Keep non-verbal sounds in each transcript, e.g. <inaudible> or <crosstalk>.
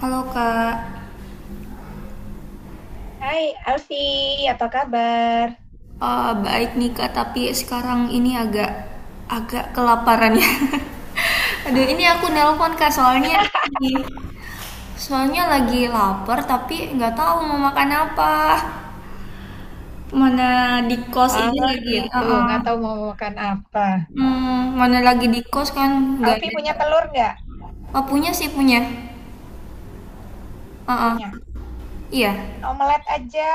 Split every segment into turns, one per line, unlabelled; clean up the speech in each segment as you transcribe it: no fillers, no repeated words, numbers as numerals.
Halo Kak.
Hai Alfi, apa kabar?
Baik nih Kak, tapi sekarang ini agak agak kelaparan ya. <laughs> Aduh, ini aku nelpon Kak, soalnya soalnya lagi lapar tapi nggak tahu mau makan apa. Mana di kos ini lagi, eh,
Gitu,
eh,
nggak tahu mau makan apa.
hmm, mana lagi di kos kan nggak
Alfi
ada.
punya telur nggak?
Oh, punya sih punya. Eh,
Punya.
eh, iya.
Bikin omelet aja.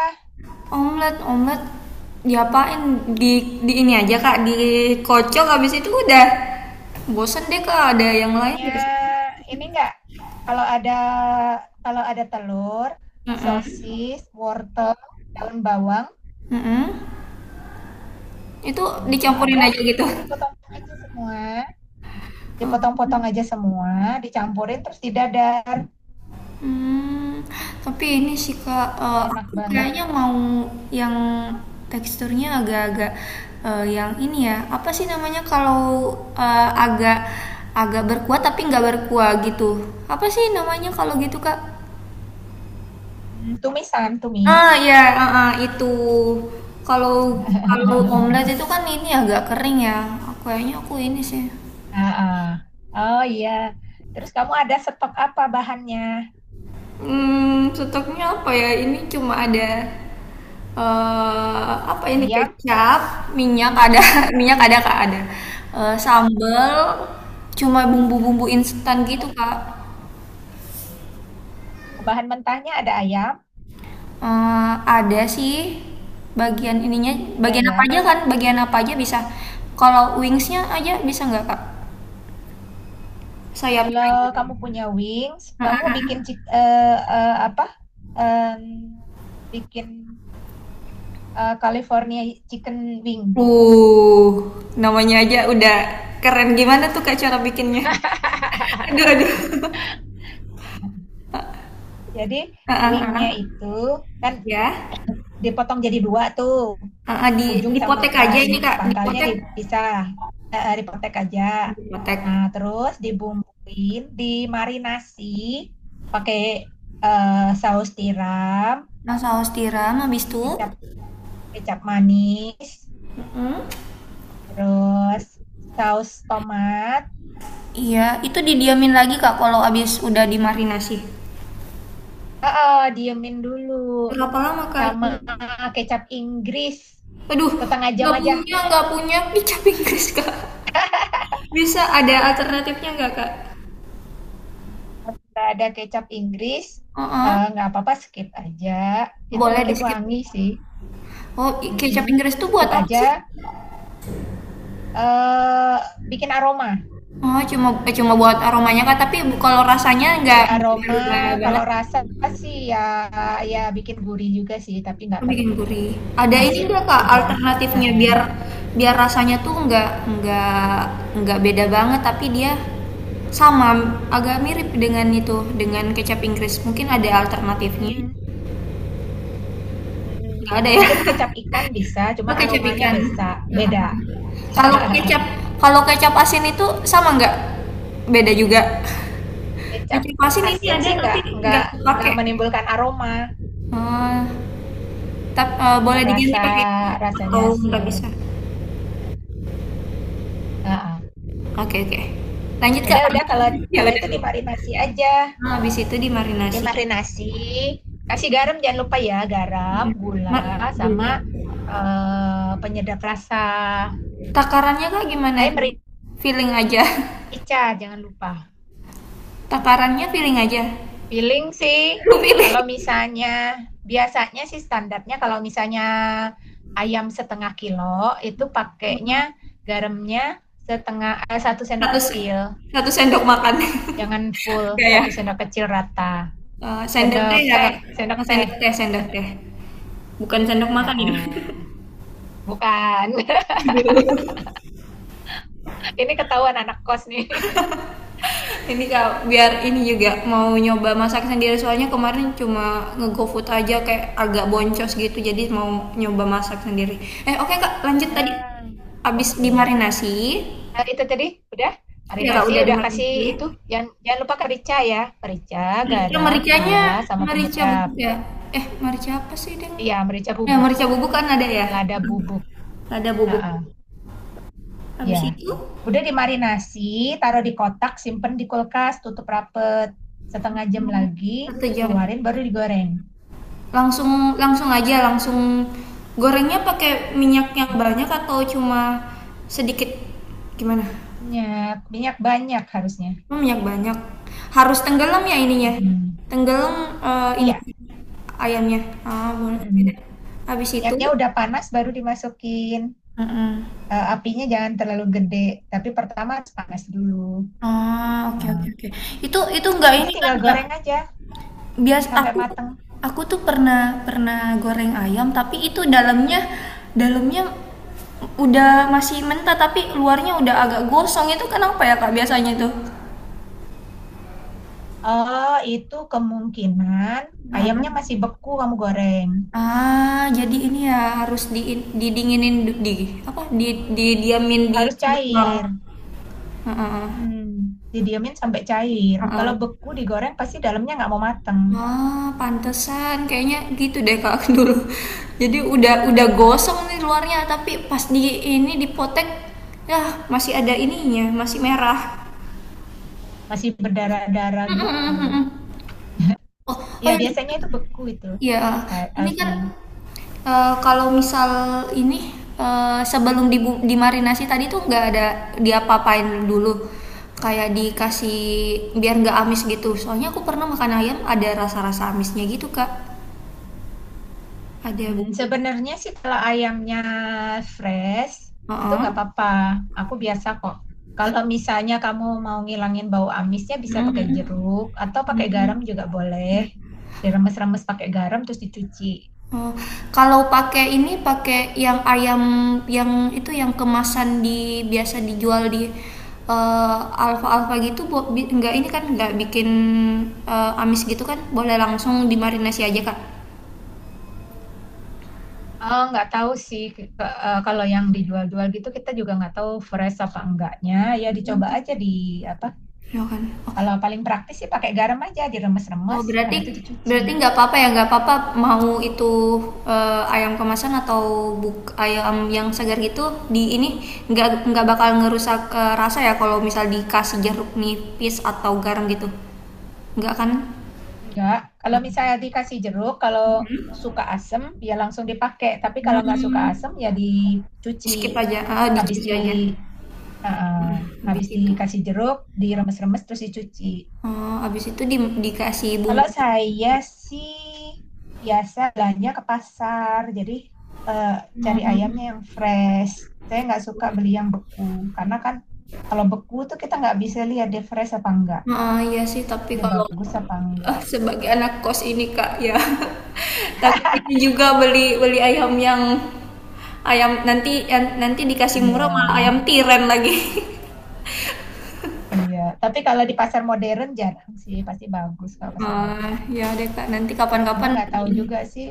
Omelet, omelet diapain? Di ini aja Kak, dikocok habis itu udah. Bosen deh Kak, ada yang lain
Punya
gak sih?
ini nggak? Kalau ada kalau ada telur,
Mhm,
sosis, wortel, daun bawang,
mhm. Itu
kalau
dicampurin
ada,
aja gitu?
itu dipotong aja semua, dipotong-potong aja semua, dicampurin terus didadar.
Mmm, tapi ini sih Kak,
Enak
aku
banget.
kayaknya mau yang teksturnya agak-agak, yang ini ya, apa sih namanya kalau, agak agak berkuah tapi nggak berkuah gitu, apa sih namanya kalau gitu Kak?
Tumisan, tumis.
Ah, ya, heeh, itu. Kalau kalau
<laughs>
omelet itu kan ini agak kering ya. Kayaknya aku ini sih.
Ah, ah. Oh iya. Terus kamu ada stok apa bahannya?
Stoknya apa ya? Ini cuma ada apa ini
Ayam?
kecap, minyak ada, <laughs> minyak ada Kak, ada. Eh, sambal cuma bumbu-bumbu instan
Oh,
gitu, Kak.
bahan mentahnya ada ayam,
Eh, ada sih bagian ininya,
ada
bagian apa
ya.
aja kan? Bagian apa aja bisa. Kalau wingsnya aja bisa nggak, Kak? Sayapnya
Kalau
aja.
kamu punya wings, kamu bikin eh, apa? Em, bikin California chicken wing.
Uh, namanya aja udah keren. Gimana tuh Kak cara bikinnya? <laughs> Aduh, aduh.
Jadi
Heeh, heeh.
wingnya itu kan
Ya.
dipotong jadi dua tuh.
Heeh,
Ujung sama
dipotek aja ini
ini
Kak,
pangkalnya
dipotek.
dipisah dipotek aja. Nah,
Dipotek.
terus dibumbuin, dimarinasi pakai eh, saus tiram,
Nah, saus tiram habis itu.
kecap kecap manis,
Hmm?
terus saus tomat.
Iya, itu didiamin lagi Kak kalau habis udah dimarinasi.
Ah, ah, diemin dulu
Berapa lama Kak itu?
sama kecap Inggris
Aduh,
setengah jam aja.
nggak punya kicap Inggris <laughs> Kak. Bisa ada alternatifnya nggak Kak?
Nggak ada kecap Inggris,
Heeh.
nggak apa-apa skip aja. Itu
Boleh di
bikin
skip.
wangi sih.
Oh, kecap
Mm-mm.
Inggris tuh buat
Skip
apa sih?
aja eh bikin aroma.
Oh, cuma cuma buat aromanya Kak, tapi kalau rasanya nggak
Buat
nggak
aroma,
berubah banget,
kalau rasa sih ya ya bikin gurih juga sih, tapi
itu
nggak
bikin
terlalu
gurih. Ada ini
asin
nggak Kak
sih dia.
alternatifnya
Heeh.
biar biar rasanya tuh nggak beda banget, tapi dia sama agak mirip dengan itu dengan kecap Inggris. Mungkin ada alternatifnya?
Hmm,
Nggak
hmm,
ada ya?
mungkin
<laughs>
kecap ikan bisa,
Oh
cuman
kecap
aromanya
ikan.
bisa
Heeh.
beda.
Kalau kecap
<laughs>
Kalau kecap asin itu sama nggak? Beda juga. <laughs>
Kecap
Kecap asin ini
asin
ada
sih nggak
tapi
nggak
nggak
nggak
pakai.
menimbulkan aroma,
Ah, Tap boleh
cuman
diganti
rasa
pakai
rasanya
atau nggak
asin.
bisa?
Heeh.
Oke oke. Lanjut Kak,
Udah
lanjut.
kalau
<laughs> Ya
kalau itu
udah.
dimarinasi aja.
Nah, habis itu dimarinasi.
Dimarinasi, kasih garam jangan lupa ya, garam,
Mhm.
gula,
Mak
sama
juga.
penyedap rasa.
Takarannya Kak gimana itu?
Saya
Feeling aja?
merica, jangan lupa.
<laughs> Takarannya feeling aja?
Feeling sih,
Lu pilih.
kalau misalnya, biasanya sih standarnya kalau misalnya ayam setengah kilo, itu pakainya
Oh,
garamnya satu sendok
satu se
kecil.
1 sendok makan.
Jangan
<laughs>
full,
Enggak ya?
satu sendok kecil rata.
Sendok
Sendok
teh ya
teh,
Kak?
sendok
Oh,
teh.
sendok teh sendok teh. Bukan sendok
Ah,
makan
ah,
ya? <laughs>
bukan.
Aduh.
<laughs> Ini ketahuan anak kos nih. <laughs>
Ini kak biar ini juga mau nyoba masak sendiri soalnya kemarin cuma nge-go food aja kayak agak boncos gitu jadi mau nyoba masak sendiri oke kak lanjut tadi
Ah,
abis
betul.
dimarinasi
Nah, itu tadi udah
ya kak
marinasi
udah
udah kasih
dimarinasi
itu jangan jangan lupa merica ya, merica,
merica
garam,
mericanya
gula, sama
merica
penyedap.
bubuk ya merica apa sih deng
Iya, merica bubuk,
merica bubuk kan ada ya
lada bubuk.
ada bubuk
Heeh.
habis
Ya
itu
udah dimarinasi, taruh di kotak simpen di kulkas tutup rapet, setengah jam
hmm,
lagi
satu jam
keluarin baru digoreng.
langsung langsung aja gorengnya pakai minyak yang banyak atau cuma sedikit gimana
Minyak minyak banyak harusnya.
minyak banyak harus tenggelam ya ininya
Mm-mm.
tenggelam ini
Iya.
ayamnya ah boleh oke deh
Mm-mm.
habis itu.
Minyaknya udah panas baru dimasukin.
Mm-mm.
Eh, apinya jangan terlalu gede, tapi pertama harus panas dulu.
Ah, oke oke
Nah,
oke. Itu nggak
nanti
ini kan
tinggal
nggak
goreng aja
Bias
sampai
aku
mateng.
aku tuh pernah pernah goreng ayam, tapi itu dalamnya dalamnya udah masih mentah, tapi luarnya udah agak gosong, itu kenapa ya, Kak, biasanya itu?
Oh, itu kemungkinan
Heeh.
ayamnya masih beku kamu goreng.
Ah, jadi ini ya harus di didinginin di apa, di diamin di
Harus
kulkas.
cair.
Heeh.
Hmm, Didiamin sampai cair.
Heeh.
Kalau beku digoreng pasti dalamnya nggak mau mateng.
Ah, pantesan kayaknya gitu deh Kak <laughs> dulu. Jadi udah gosong nih luarnya tapi pas di ini dipotek ya masih ada ininya, masih merah.
Masih berdarah-darah gitu.
Mm-mm-mm-mm. Oh, oh
Ya, biasanya itu
iya.
beku itu,
Ya,
eh,
ini
Alfi.
kan kalau misal ini eh, sebelum dimarinasi tadi tuh nggak ada diapa-apain dulu. Kayak dikasih biar nggak amis gitu. Soalnya aku pernah makan ayam ada rasa-rasa amisnya gitu, Kak. Ada bumbu.
Sebenarnya sih kalau ayamnya fresh itu nggak
Heeh.
apa-apa. Aku biasa kok. Kalau misalnya kamu mau ngilangin bau amisnya bisa
Mhm
pakai
mhm,
jeruk atau pakai garam
mhm.
juga boleh. Diremes-remes pakai garam terus dicuci.
Oh, kalau pakai ini, pakai yang ayam yang itu yang kemasan di biasa dijual di, eee, Alfa-Alfa gitu bo bi nggak ini kan, nggak bikin, amis gitu kan? Boleh langsung dimarinasi aja, Kak?
Oh, nggak tahu sih kalau yang dijual-jual gitu kita juga nggak tahu fresh apa enggaknya. Ya dicoba aja di apa?
Ya kan? Oh.
Kalau paling praktis sih pakai garam aja
Oh,
diremes-remes
berarti
habis itu dicuci.
berarti nggak apa-apa ya, nggak apa-apa mau itu ayam kemasan atau buk ayam yang segar gitu di ini nggak bakal ngerusak rasa ya kalau misal dikasih jeruk nipis atau garam gitu. Nggak kan?
Enggak, kalau misalnya dikasih jeruk, kalau suka asem ya langsung dipakai. Tapi kalau nggak suka
Hmm,
asem ya
di
dicuci.
skip aja, ah, di
Habis di
aja.
eh, eh,
Habis
habis
itu.
dikasih jeruk, diremes-remes terus dicuci.
Oh, habis itu dikasih
Kalau
bumbu
saya sih biasa belanja ke pasar, jadi eh, cari ayamnya yang fresh. Saya nggak suka beli yang beku, karena kan kalau beku tuh kita nggak bisa lihat dia fresh apa enggak,
ah iya sih tapi
dia
kalau,
bagus apa enggak.
sebagai anak kos ini Kak ya <laughs> takut ini juga beli beli ayam yang ayam nanti nanti dikasih
Iya.
murah malah ayam tiren lagi. <laughs>
Iya, tapi kalau di pasar modern jarang sih, pasti bagus kalau pasar
Ah,
modern.
ya deh Kak nanti
Cuma
kapan-kapan
nggak tahu
ini
juga sih.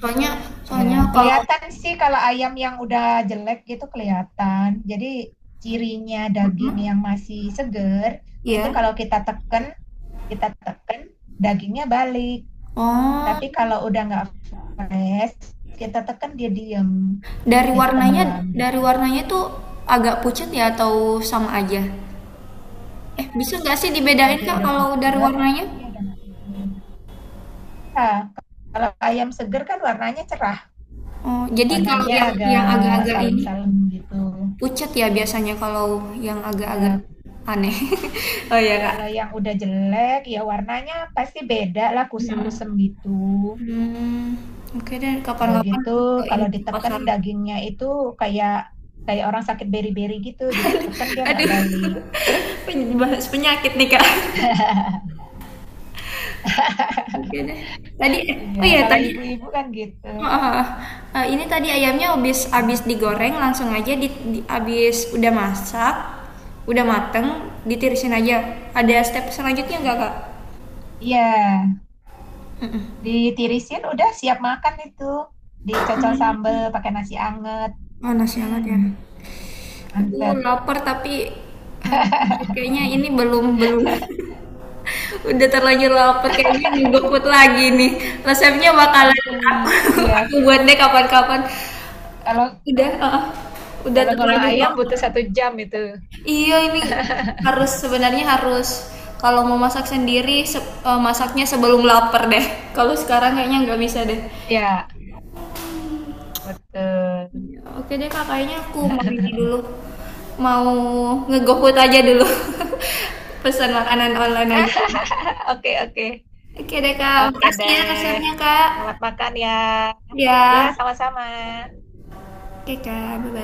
soalnya
Iya,
soalnya kalau
kelihatan sih kalau ayam yang udah jelek gitu kelihatan. Jadi cirinya daging yang masih seger itu
ya.
kalau kita teken dagingnya balik.
Oh,
Tapi kalau udah nggak fresh, kita teken dia diem,
dari
jadi
warnanya
tenggelam
dari
gitu.
warnanya tuh agak pucat ya atau sama aja? Eh, bisa nggak sih
Kalau
dibedain
dia
Kak
udah
kalau dari
pucet,
warnanya?
artinya dia udah nggak seger. Nah, kalau ayam seger kan warnanya cerah.
Oh, jadi kalau
Warnanya
yang
agak
agak-agak ini
salem-salem gitu.
pucat ya biasanya kalau yang agak-agak
Ya
aneh. <laughs> Oh ya Kak.
kalau yang udah jelek ya warnanya pasti beda lah kusem-kusem gitu.
Hmm, oke deh
Udah
kapan-kapan
gitu
ke ini
kalau
ke
diteken
pasar.
dagingnya itu kayak kayak orang sakit beri-beri gitu diteken dia nggak
Aduh,
balik.
<laughs> bahas penyakit nih Kak.
<laughs>
Oke deh. Tadi,
Iya
oh ya
kalau
tadi,
ibu-ibu kan gitu.
ah, ah, ini tadi ayamnya habis habis digoreng langsung aja di habis udah masak, udah mateng, ditirisin aja. Ada step selanjutnya nggak
Mhm.
Kak?
Iya, ditirisin udah siap makan itu dicocol sambel pakai nasi anget.
Panas banget
Hmm,
ya. Aduh,
mantap.
lapar tapi aduh, kayaknya ini belum belum. <laughs> Udah terlanjur lapar kayaknya ini GoFood lagi nih. Resepnya
Harus
bakalan
nunggu.
aku
Iya,
<laughs> aku buat deh kapan-kapan.
kalau
Udah, heeh. Udah
kalau ngolah
terlanjur
ayam butuh
lapar.
satu jam itu.
Iya, ini
<laughs>
harus sebenarnya harus kalau mau masak sendiri masaknya sebelum lapar deh. Kalau sekarang kayaknya nggak bisa deh.
Ya, betul.
Oke deh Kak, kayaknya aku mau ini dulu, mau nge aja dulu, <laughs> pesan makanan online aja.
Ah, oke, oke.
Oke deh Kak,
Oke
makasih ya
deh.
resepnya Kak.
Selamat makan ya. Ya,
Ya,
sama-sama.
oke Kak, bye-bye.